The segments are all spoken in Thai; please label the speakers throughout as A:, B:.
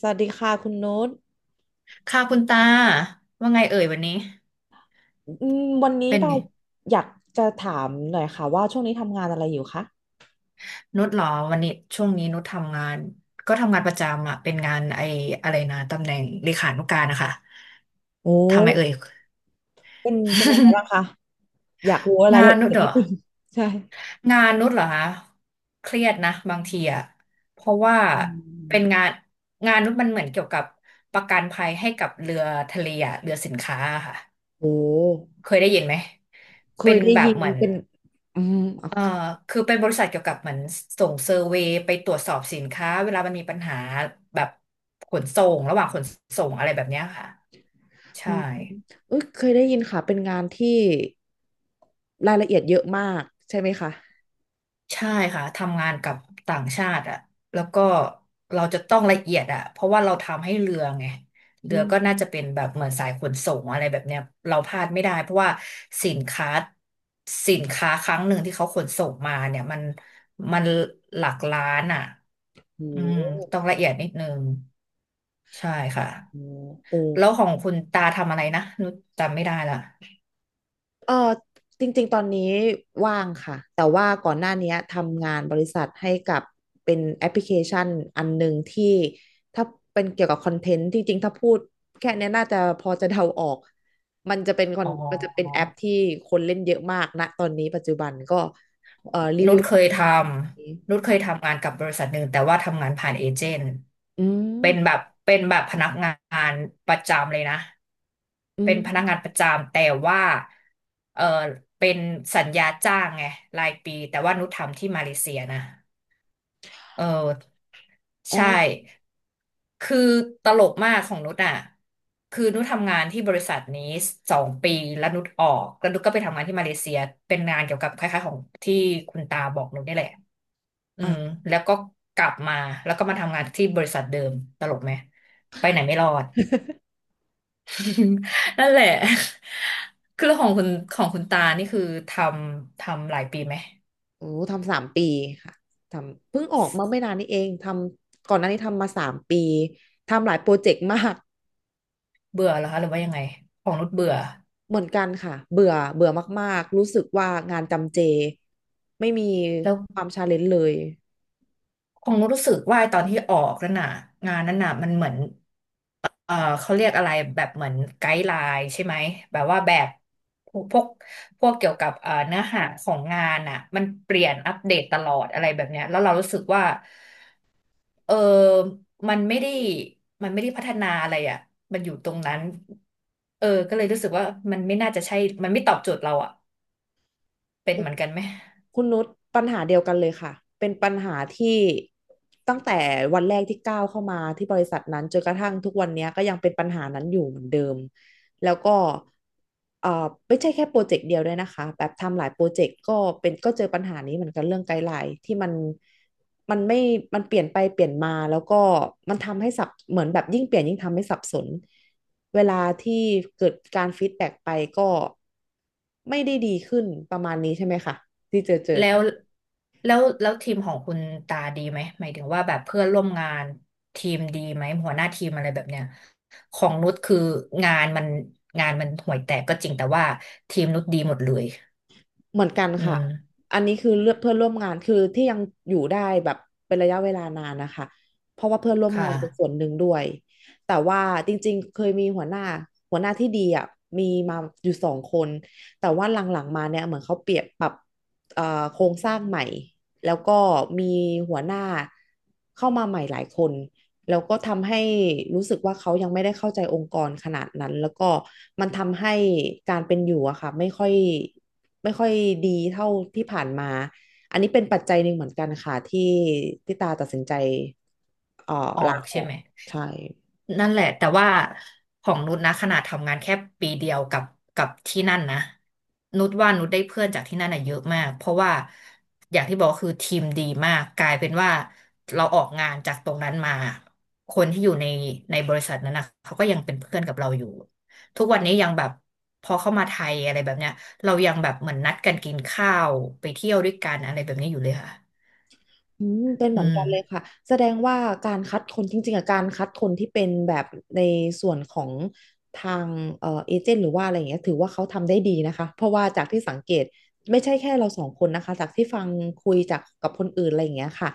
A: สวัสดีค่ะคุณนุช
B: ค่ะคุณตาว่าไงเอ่ยวันนี้
A: อืมวันนี้
B: เป็น
A: เรา
B: ไง
A: อยากจะถามหน่อยค่ะว่าช่วงนี้ทำงานอะไรอยู่คะ
B: นุชเหรอวันนี้ช่วงนี้นุชทำงานก็ทำงานประจำอ่ะเป็นงานไอ้อะไรนะตำแหน่งเลขานุการนะคะ
A: โอ้
B: ทำไมเอ่ย
A: เป็นยังไงบ้างคะ อยากรู้รา
B: งา
A: ย
B: น
A: ละ
B: นุ
A: เอี
B: ช
A: ยด
B: เหรอ
A: นิดนึง ใช่
B: งานนุชเหรอคะเครียดนะบางทีอ่ะเพราะว่า
A: อืม
B: เป็นงานงานนุชมันเหมือนเกี่ยวกับประกันภัยให้กับเรือทะเลอะเรือสินค้าอะค่ะ
A: โอ้
B: เคยได้ยินไหม
A: เค
B: เป็
A: ย
B: น
A: ได้
B: แบบ
A: ยิน
B: เหมือน
A: เป็น อืมเอา
B: เอ่อคือเป็นบริษัทเกี่ยวกับเหมือนส่งเซอร์เวย์ไปตรวจสอบสินค้าเวลามันมีปัญหาแบบขนส่งระหว่างขนส่งอะไรแบบเนี้ยค่ะ
A: อื
B: ใช่
A: มเอ้ยเคยได้ยินค่ะเป็นงานที่รายละเอียดเยอะมากใช่ไหมคะ
B: ใช่ค่ะทำงานกับต่างชาติอ่ะแล้วก็เราจะต้องละเอียดอ่ะเพราะว่าเราทำให้เรือไง
A: อื
B: เรือก็น่า
A: ม
B: จะเป็นแบบเหมือนสายขนส่งอะไรแบบเนี้ยเราพลาดไม่ได้เพราะว่าสินค้าสินค้าครั้งหนึ่งที่เขาขนส่งมาเนี่ยมันมันหลักล้านอ่ะ
A: โอ
B: อืม
A: ้
B: ต้องละเอียดนิดนึง ใช่ค่ะ
A: โหโอ้
B: แล้วของคุณตาทำอะไรนะนุชจำไม่ได้ละ
A: เออจริงๆตอนนี้ว่างค่ะแต่ว่าก่อนหน้านี้ทำงานบริษัทให้กับเป็นแอปพลิเคชันอันหนึ่งที่ถ้าเป็นเกี่ยวกับคอนเทนต์ที่จริงถ้าพูดแค่เนี้ยน่าจะพอจะเดาออกมันจะเป็นคอน
B: อ๋
A: มันจะเป็น
B: อ
A: แอปที่คนเล่นเยอะมากนะตอนนี้ปัจจุบันก็รี
B: นุ
A: วิ
B: ช
A: ว
B: เคยทำนุชเคยทำงานกับบริษัทหนึ่งแต่ว่าทำงานผ่านเอเจนต์
A: อื
B: เป็นแบบ
A: ม
B: เป็นแบบพนักงานประจำเลยนะ
A: อื
B: เป็นพนัก
A: ม
B: งานประจำแต่ว่าเออเป็นสัญญาจ้างไงรายปีแต่ว่านุชทำที่มาเลเซียนะเออ
A: อ๋อ
B: ใช่คือตลกมากของนุชอ่ะคือนุชทำงานที่บริษัทนี้2 ปีแล้วนุชออกแล้วนุชก็ไปทำงานที่มาเลเซียเป็นงานเกี่ยวกับคล้ายๆของที่คุณตาบอกนุชนี่แหละอื
A: อ่ะ
B: มแล้วก็กลับมาแล้วก็มาทำงานที่บริษัทเดิมตลกไหมไปไหนไม่รอด นั่นแหละคือของคุณของคุณตานี่คือทำทำหลายปีไหม
A: โอ้ทำสามปีค่ะทำเพิ่งออกมาไม่นานนี้เองทำก่อนหน้านี้ทำมาสามปีทำหลายโปรเจกต์มาก
B: เบื่อแล้วคะหรือว่ายังไงของนุชเบื่อ
A: เหมือนกันค่ะเบื่อเบื่อมากๆรู้สึกว่างานจำเจไม่มี
B: แล้ว
A: ความชาเลนจ์เลย
B: คงรู้สึกว่าตอนที่ออกนั่นน่ะงานนั้นน่ะมันเหมือนเอ่อเขาเรียกอะไรแบบเหมือนไกด์ไลน์ใช่ไหมแบบว่าแบบพวกพวกเกี่ยวกับเนื้อหาของงานอ่ะมันเปลี่ยนอัปเดตตลอดอะไรแบบเนี้ยแล้วเรารู้สึกว่าเออมันไม่ได้มันไม่ได้พัฒนาอะไรอ่ะมันอยู่ตรงนั้นเออก็เลยรู้สึกว่ามันไม่น่าจะใช่มันไม่ตอบโจทย์เราอ่ะเป็นเหมือนกันไหม
A: คุณนุชปัญหาเดียวกันเลยค่ะเป็นปัญหาที่ตั้งแต่วันแรกที่ก้าวเข้ามาที่บริษัทนั้นจนกระทั่งทุกวันเนี้ยก็ยังเป็นปัญหานั้นอยู่เหมือนเดิมแล้วก็ไม่ใช่แค่โปรเจกต์เดียวด้วยนะคะแบบทำหลายโปรเจกต์ก็เป็นก็เจอปัญหานี้เหมือนกันเรื่องไกด์ไลน์ที่มันไม่มันเปลี่ยนไปเปลี่ยนมาแล้วก็มันทำให้สับเหมือนแบบยิ่งเปลี่ยนยิ่งทำให้สับสนเวลาที่เกิดการฟีดแบ็กไปก็ไม่ได้ดีขึ้นประมาณนี้ใช่ไหมคะ ที่เจอ
B: แล้
A: กัน
B: วแล้วแล้วทีมของคุณตาดีไหมหมายถึงว่าแบบเพื่อนร่วมงานทีมดีไหมหัวหน้าทีมอะไรแบบเนี้ยของนุชคืองานมันงานมันห่วยแตกก็จริงแต่ว่าทีมนุชดีหมดเลย
A: เหมือนกัน
B: อื
A: ค่ะ
B: ม
A: อันนี้คือเลือกเพื่อนร่วมงานคือที่ยังอยู่ได้แบบเป็นระยะเวลานานนะคะเพราะว่าเพื่อนร่วม
B: ค่ะ
A: งานเป็นส่วนหนึ่งด้วยแต่ว่าจริงๆเคยมีหัวหน้าที่ดีอ่ะมีมาอยู่สองคนแต่ว่าหลังๆมาเนี่ยเหมือนเขาเปลี่ยบปรับเอ่อโครงสร้างใหม่แล้วก็มีหัวหน้าเข้ามาใหม่หลายคน แล้วก็ทำให้รู้สึกว่าเขายังไม่ได้เข้าใจองค์กรขนาดนั้นแล้วก็มันทำให้การเป็นอยู่อะค่ะไม่ค่อยดีเท่าที่ผ่านมาอันนี้เป็นปัจจัยหนึ่งเหมือนกันค่ะที่ตาตัดสินใจเอ่อ
B: ออ
A: ลา
B: ก
A: อ
B: ใช่
A: อก
B: ไหม
A: ใช่
B: นั่นแหละแต่ว่าของนุชนะขนาดทำงานแค่ปีเดียวกับกับที่นั่นนะนุชว่านุชได้เพื่อนจากที่นั่นอะเยอะมากเพราะว่าอย่างที่บอกคือทีมดีมากกลายเป็นว่าเราออกงานจากตรงนั้นมาคนที่อยู่ในในบริษัทนั้นนะเขาก็ยังเป็นเพื่อนกับเราอยู่ทุกวันนี้ยังแบบพอเข้ามาไทยอะไรแบบเนี้ยเรายังแบบเหมือนนัดกันกินข้าวไปเที่ยวด้วยกันอะไรแบบนี้อยู่เลยค่ะ
A: อืมเป็นเห
B: อื
A: มือนกันเลย
B: ม
A: ค่ะแสดงว่าการคัดคนจริงๆอะการคัดคนที่เป็นแบบในส่วนของทางเอเจนต์หรือว่าอะไรอย่างเงี้ยถือว่าเขาทำได้ดีนะคะเพราะว่าจากที่สังเกตไม่ใช่แค่เราสองคนนะคะจากที่ฟังคุยจากกับคนอื่นอะไรอย่างเงี้ยค่ะ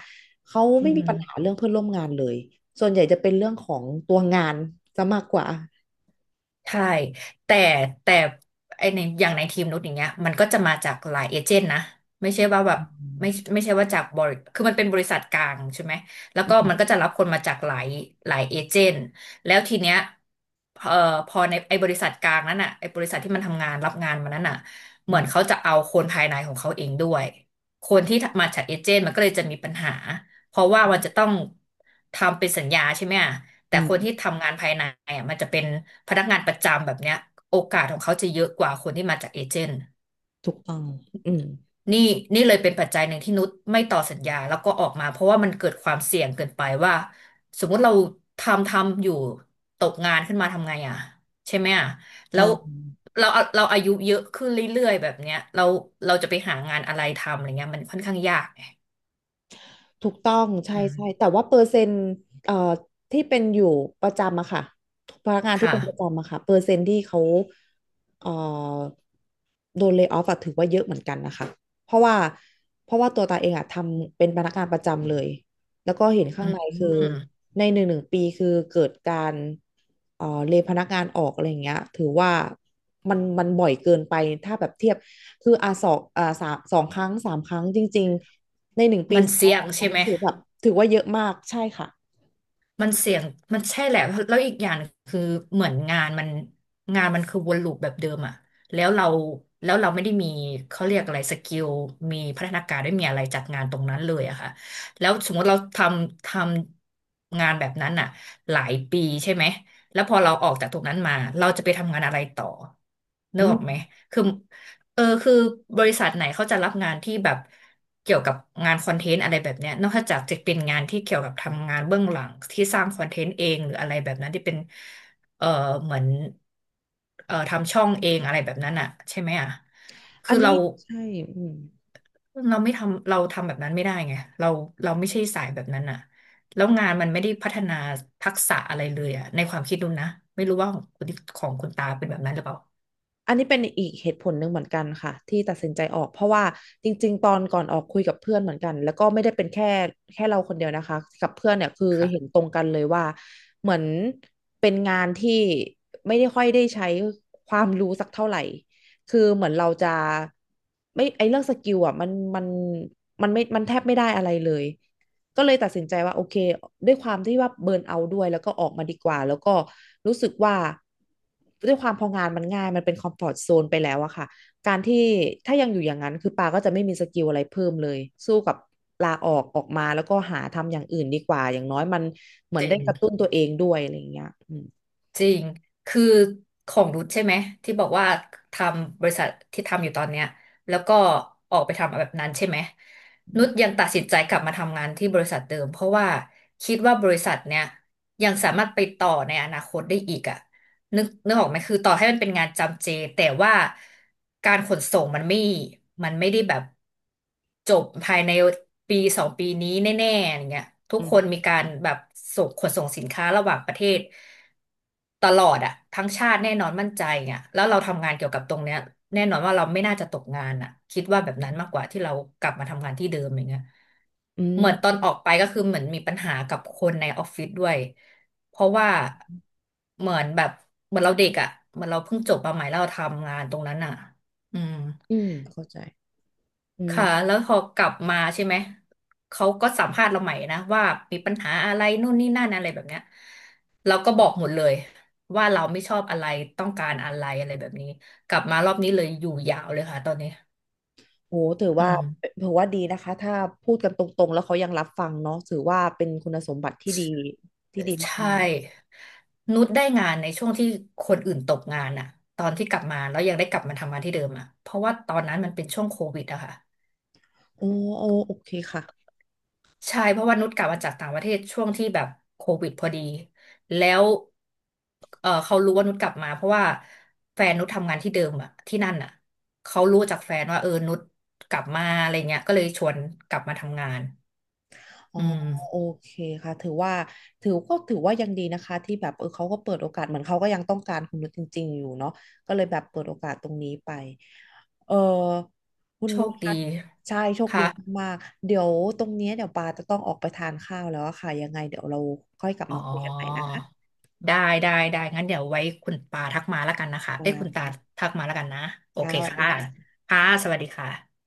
A: เขา
B: อื
A: ไม่มีปัญหา
B: ม
A: เรื่องเพื่อนร่วมงานเลยส่วนใหญ่จะเป็นเรื่องของตัวงานจะมากกว่า
B: ใช่แต่แต่ไอในอย่างในทีมนุชอย่างเงี้ยมันก็จะมาจากหลายเอเจนต์นะไม่ใช่ว่าแบบ
A: อืม
B: ไม่ไม่ใช่ว่าจากบริคือมันเป็นบริษัทกลางใช่ไหมแล้วก็
A: อืม
B: มันก็จะรับคนมาจากหลายหลายเอเจนต์แล้วทีเนี้ยเอ่อพอในไอบริษัทกลางนั้นอ่ะไอบริษัทที่มันทำงานรับงานมานั้นอ่ะเห
A: อื
B: มือ
A: ม
B: นเขาจะเอาคนภายในของเขาเองด้วยคนที่มาจากเอเจนต์มันก็เลยจะมีปัญหาเพราะว่ามันจะต้องทำเป็นสัญญาใช่ไหมอะ
A: อื
B: แต่คนที่
A: ม
B: ทำงานภายในอ่ะมันจะเป็นพนักงานประจำแบบเนี้ยโอกาสของเขาจะเยอะกว่าคนที่มาจากเอเจนต์
A: ถูกต้องอืม
B: นี่นี่เลยเป็นปัจจัยหนึ่งที่นุชไม่ต่อสัญญาแล้วก็ออกมาเพราะว่ามันเกิดความเสี่ยงเกินไปว่าสมมุติเราทำทำอยู่ตกงานขึ้นมาทำไงอ่ะใช่ไหมอ่ะแล้
A: ใช่
B: วเราเราอายุเยอะขึ้นเรื่อยๆแบบเนี้ยเราเราจะไปหางานอะไรทำอะไรเงี้ยมันค่อนข้างยากไง
A: ถูกต้องใช่
B: อืม
A: ใช่แต่ว่าเปอร์เซ็นต์เอ่อที่เป็นอยู่ประจำอะค่ะพนักงานที่
B: ค่ะ
A: เป็นประจำอะค่ะเปอร์เซ็นต์ที่เขาเอ่อโดนเล y off อะถือว่าเยอะเหมือนกันนะคะเพราะว่าตัวตาเองอะทำเป็นพนักงานประจำเลยแล้วก็เห็น
B: อื
A: ข้างใน
B: ม
A: คือในหนึ่งปีคือเกิดการเลยพนักงานออกอะไรอย่างเงี้ยถือว่ามันบ่อยเกินไปถ้าแบบเทียบคืออ่ะสองอ่ะสามสองครั้งสามครั้งจริง ในหนึ่งปี
B: มัน
A: สอง
B: เสี่ยง
A: ครั้
B: ใช่
A: ง
B: ไหม
A: คือแบบถือว่าเยอะมากใช่ค่ะ
B: มันเสี่ยงมันใช่แหละแล้วอีกอย่างคือเหมือนงานมันงานมันคือวนลูปแบบเดิมอะแล้วเราแล้วเราไม่ได้มีเขาเรียกอะไรสกิลมีพัฒนาการไม่มีอะไรจากงานตรงนั้นเลยอะค่ะแล้วสมมติเราทำทำงานแบบนั้นอะหลายปีใช่ไหมแล้วพอเราออกจากตรงนั้นมาเราจะไปทำงานอะไรต่อนึ
A: อื
B: กอ
A: ม
B: อกไหมคือ คือบริษัทไหนเขาจะรับงานที่แบบเกี่ยวกับงานคอนเทนต์อะไรแบบเนี้ยนอกจากจะเป็นงานที่เกี่ยวกับทำงานเบื้องหลังที่สร้างคอนเทนต์เองหรืออะไรแบบนั้นที่เป็นเออเหมือนทำช่องเองอะไรแบบนั้นอ่ะใช่ไหมอ่ะ
A: อั
B: คื
A: น
B: อ
A: นี้
B: เรา
A: ใช่อืม
B: ไม่ทำเราทำแบบนั้นไม่ได้ไงเราไม่ใช่สายแบบนั้นอ่ะแล้วงานมันไม่ได้พัฒนาทักษะอะไรเลยอ่ะในความคิดดูนะไม่รู้ว่าของคุณของคุณตาเป็นแบบนั้นหรือเปล่า
A: อันนี้เป็นอีกเหตุผลหนึ่งเหมือนกันค่ะที่ตัดสินใจออกเพราะว่าจริงๆตอนก่อนออกคุยกับเพื่อนเหมือนกันแล้วก็ไม่ได้เป็นแค่เราคนเดียวนะคะกับเพื่อนเนี่ยคือเห็น
B: ค่ะ
A: ตรงกันเลยว่าเหมือนเป็นงานที่ไม่ได้ค่อยได้ใช้ความรู้สักเท่าไหร่คือเหมือนเราจะไม่ไอเรื่องสกิลอ่ะมันมันมันไม่มันแทบไม่ได้อะไรเลย ก็เลยตัดสินใจว่าโอเคด้วยความที่ว่าเบิร์นเอาท์ด้วยแล้วก็ออกมาดีกว่าแล้วก็รู้สึกว่าด้วยความพองานมันง่ายมันเป็นคอมฟอร์ z โซนไปแล้วอะค่ะการที่ถ้ายังอยู่อย่างนั้นคือปาก็จะไม่มีสกิลอะไรเพิ่มเลยสู้กับลาออกออกมาแล้วก็หาทำอย่างอื่นดีกว่าอย่างน้อยมันเหมือ
B: เจ
A: นได้
B: น
A: กระตุ้นตัวเองด้วยอะไรอย่างเงี้ยอืม
B: จริง คือของรุทใช่ไหมที่บอกว่าทำบริษัทที่ทำอยู่ตอนเนี้ยแล้วก็ออกไปทำแบบนั้นใช่ไหมนุชยังตัดสินใจกลับมาทำงานที่บริษัทเดิมเพราะว่าคิดว่าบริษัทเนี้ยยังสามารถไปต่อในอนาคตได้อีกอ่ะ นึกออกไหมคือต่อให้มันเป็นงานจำเจแต่ว่าการขนส่งมันไม่มันไม่ได้แบบจบภายในปีสองปีนี้แน่ๆอย่างเงี้ยทุ
A: อื
B: ก
A: ม
B: คนมีการแบบส่งขนส่งสินค้าระหว่างประเทศตลอดอะทั้งชาติแน่นอนมั่นใจอ่ะแล้วเราทำงานเกี่ยวกับตรงเนี้ยแน่นอนว่าเราไม่น่าจะตกงานอะคิดว่าแบบนั้นมากกว่าที่เรากลับมาทำงานที่เดิมอย่างเงี้ย
A: อื
B: เห
A: ม
B: มือนตอนออกไปก็คือเหมือนมีปัญหากับคนในออฟฟิศด้วยเพราะว่าเหมือนแบบเหมือนเราเด็กอ่ะเหมือนเราเพิ่งจบมาใหม่แล้วเราทำงานตรงนั้นอ่ะอืม
A: อืมเข้าใจอื
B: ค่ะ
A: ม
B: แล้วพอกลับมาใช่ไหมเขาก็สัมภาษณ์เราใหม่นะว่ามีปัญหาอะไรนู่นนี่นั่นอะไรแบบเนี้ยเราก็บอกหมดเลยว่าเราไม่ชอบอะไรต้องการอะไรอะไรแบบนี้กลับมารอบนี้เลยอยู่ยาวเลยค่ะตอนนี้
A: โหถือ
B: อื
A: ว่า
B: ม
A: ดีนะคะถ้าพูดกันตรงๆแล้วเขายังรับฟังเนาะถือว่าเป็นคุณสมบัติที่ดีที่ดีมาก
B: ใช่นุชได้งานในช่วงที่คนอื่นตกงานอะตอนที่กลับมาแล้วยังได้กลับมาทำงานที่เดิมอะเพราะว่าตอนนั้นมันเป็นช่วงโควิดอะค่ะ
A: ๆโอ้โอ้โอเคค่ะ
B: ใช่เพราะว่านุชกลับมาจากต่างประเทศช่วงที่แบบโควิดพอดีแล้วเขารู้ว่านุชกลับมาเพราะว่าแฟนนุชทำงานที่เดิมอะที่นั่นอะเขารู้จากแฟนว่านุชกลับมาอะไรเงี้ยก็เลยชวนกลับมาทำงาน
A: อ๋อ
B: อื
A: โอ
B: ม
A: เคค่ะถือว่าถือก็ถือว่ายังดีนะคะที่แบบเออเขาก็เปิดโอกาสเหมือนเขาก็ยังต้องการคุณนุชจริงๆอยู่เนาะก็เลยแบบเปิดโอกาสตรงนี้ไปเออคุณ
B: โช
A: นุช
B: คดี
A: คะใช่โชคดี
B: ค่ะ
A: มากๆเดี๋ยวตรงเนี้ยเดี๋ยวปาจะต้องออกไปทานข้าวแล้วอะค่ะยังไงเดี๋ยวเราค่อยกลับ
B: อ๋อ
A: มาคุยกันใหม่นะคะ
B: ได้ได้งั้นเดี๋ยวไว้คุณปาทักมาแล้วกันนะคะ
A: ปา
B: เอ้ยคุณตา
A: ค่ะ
B: ทักมาแล้วกันนะโอ
A: ค่ะ
B: เค
A: สวัส
B: ค่ะ
A: ดีค่ะ
B: ค่ะสวัสดีค่ะ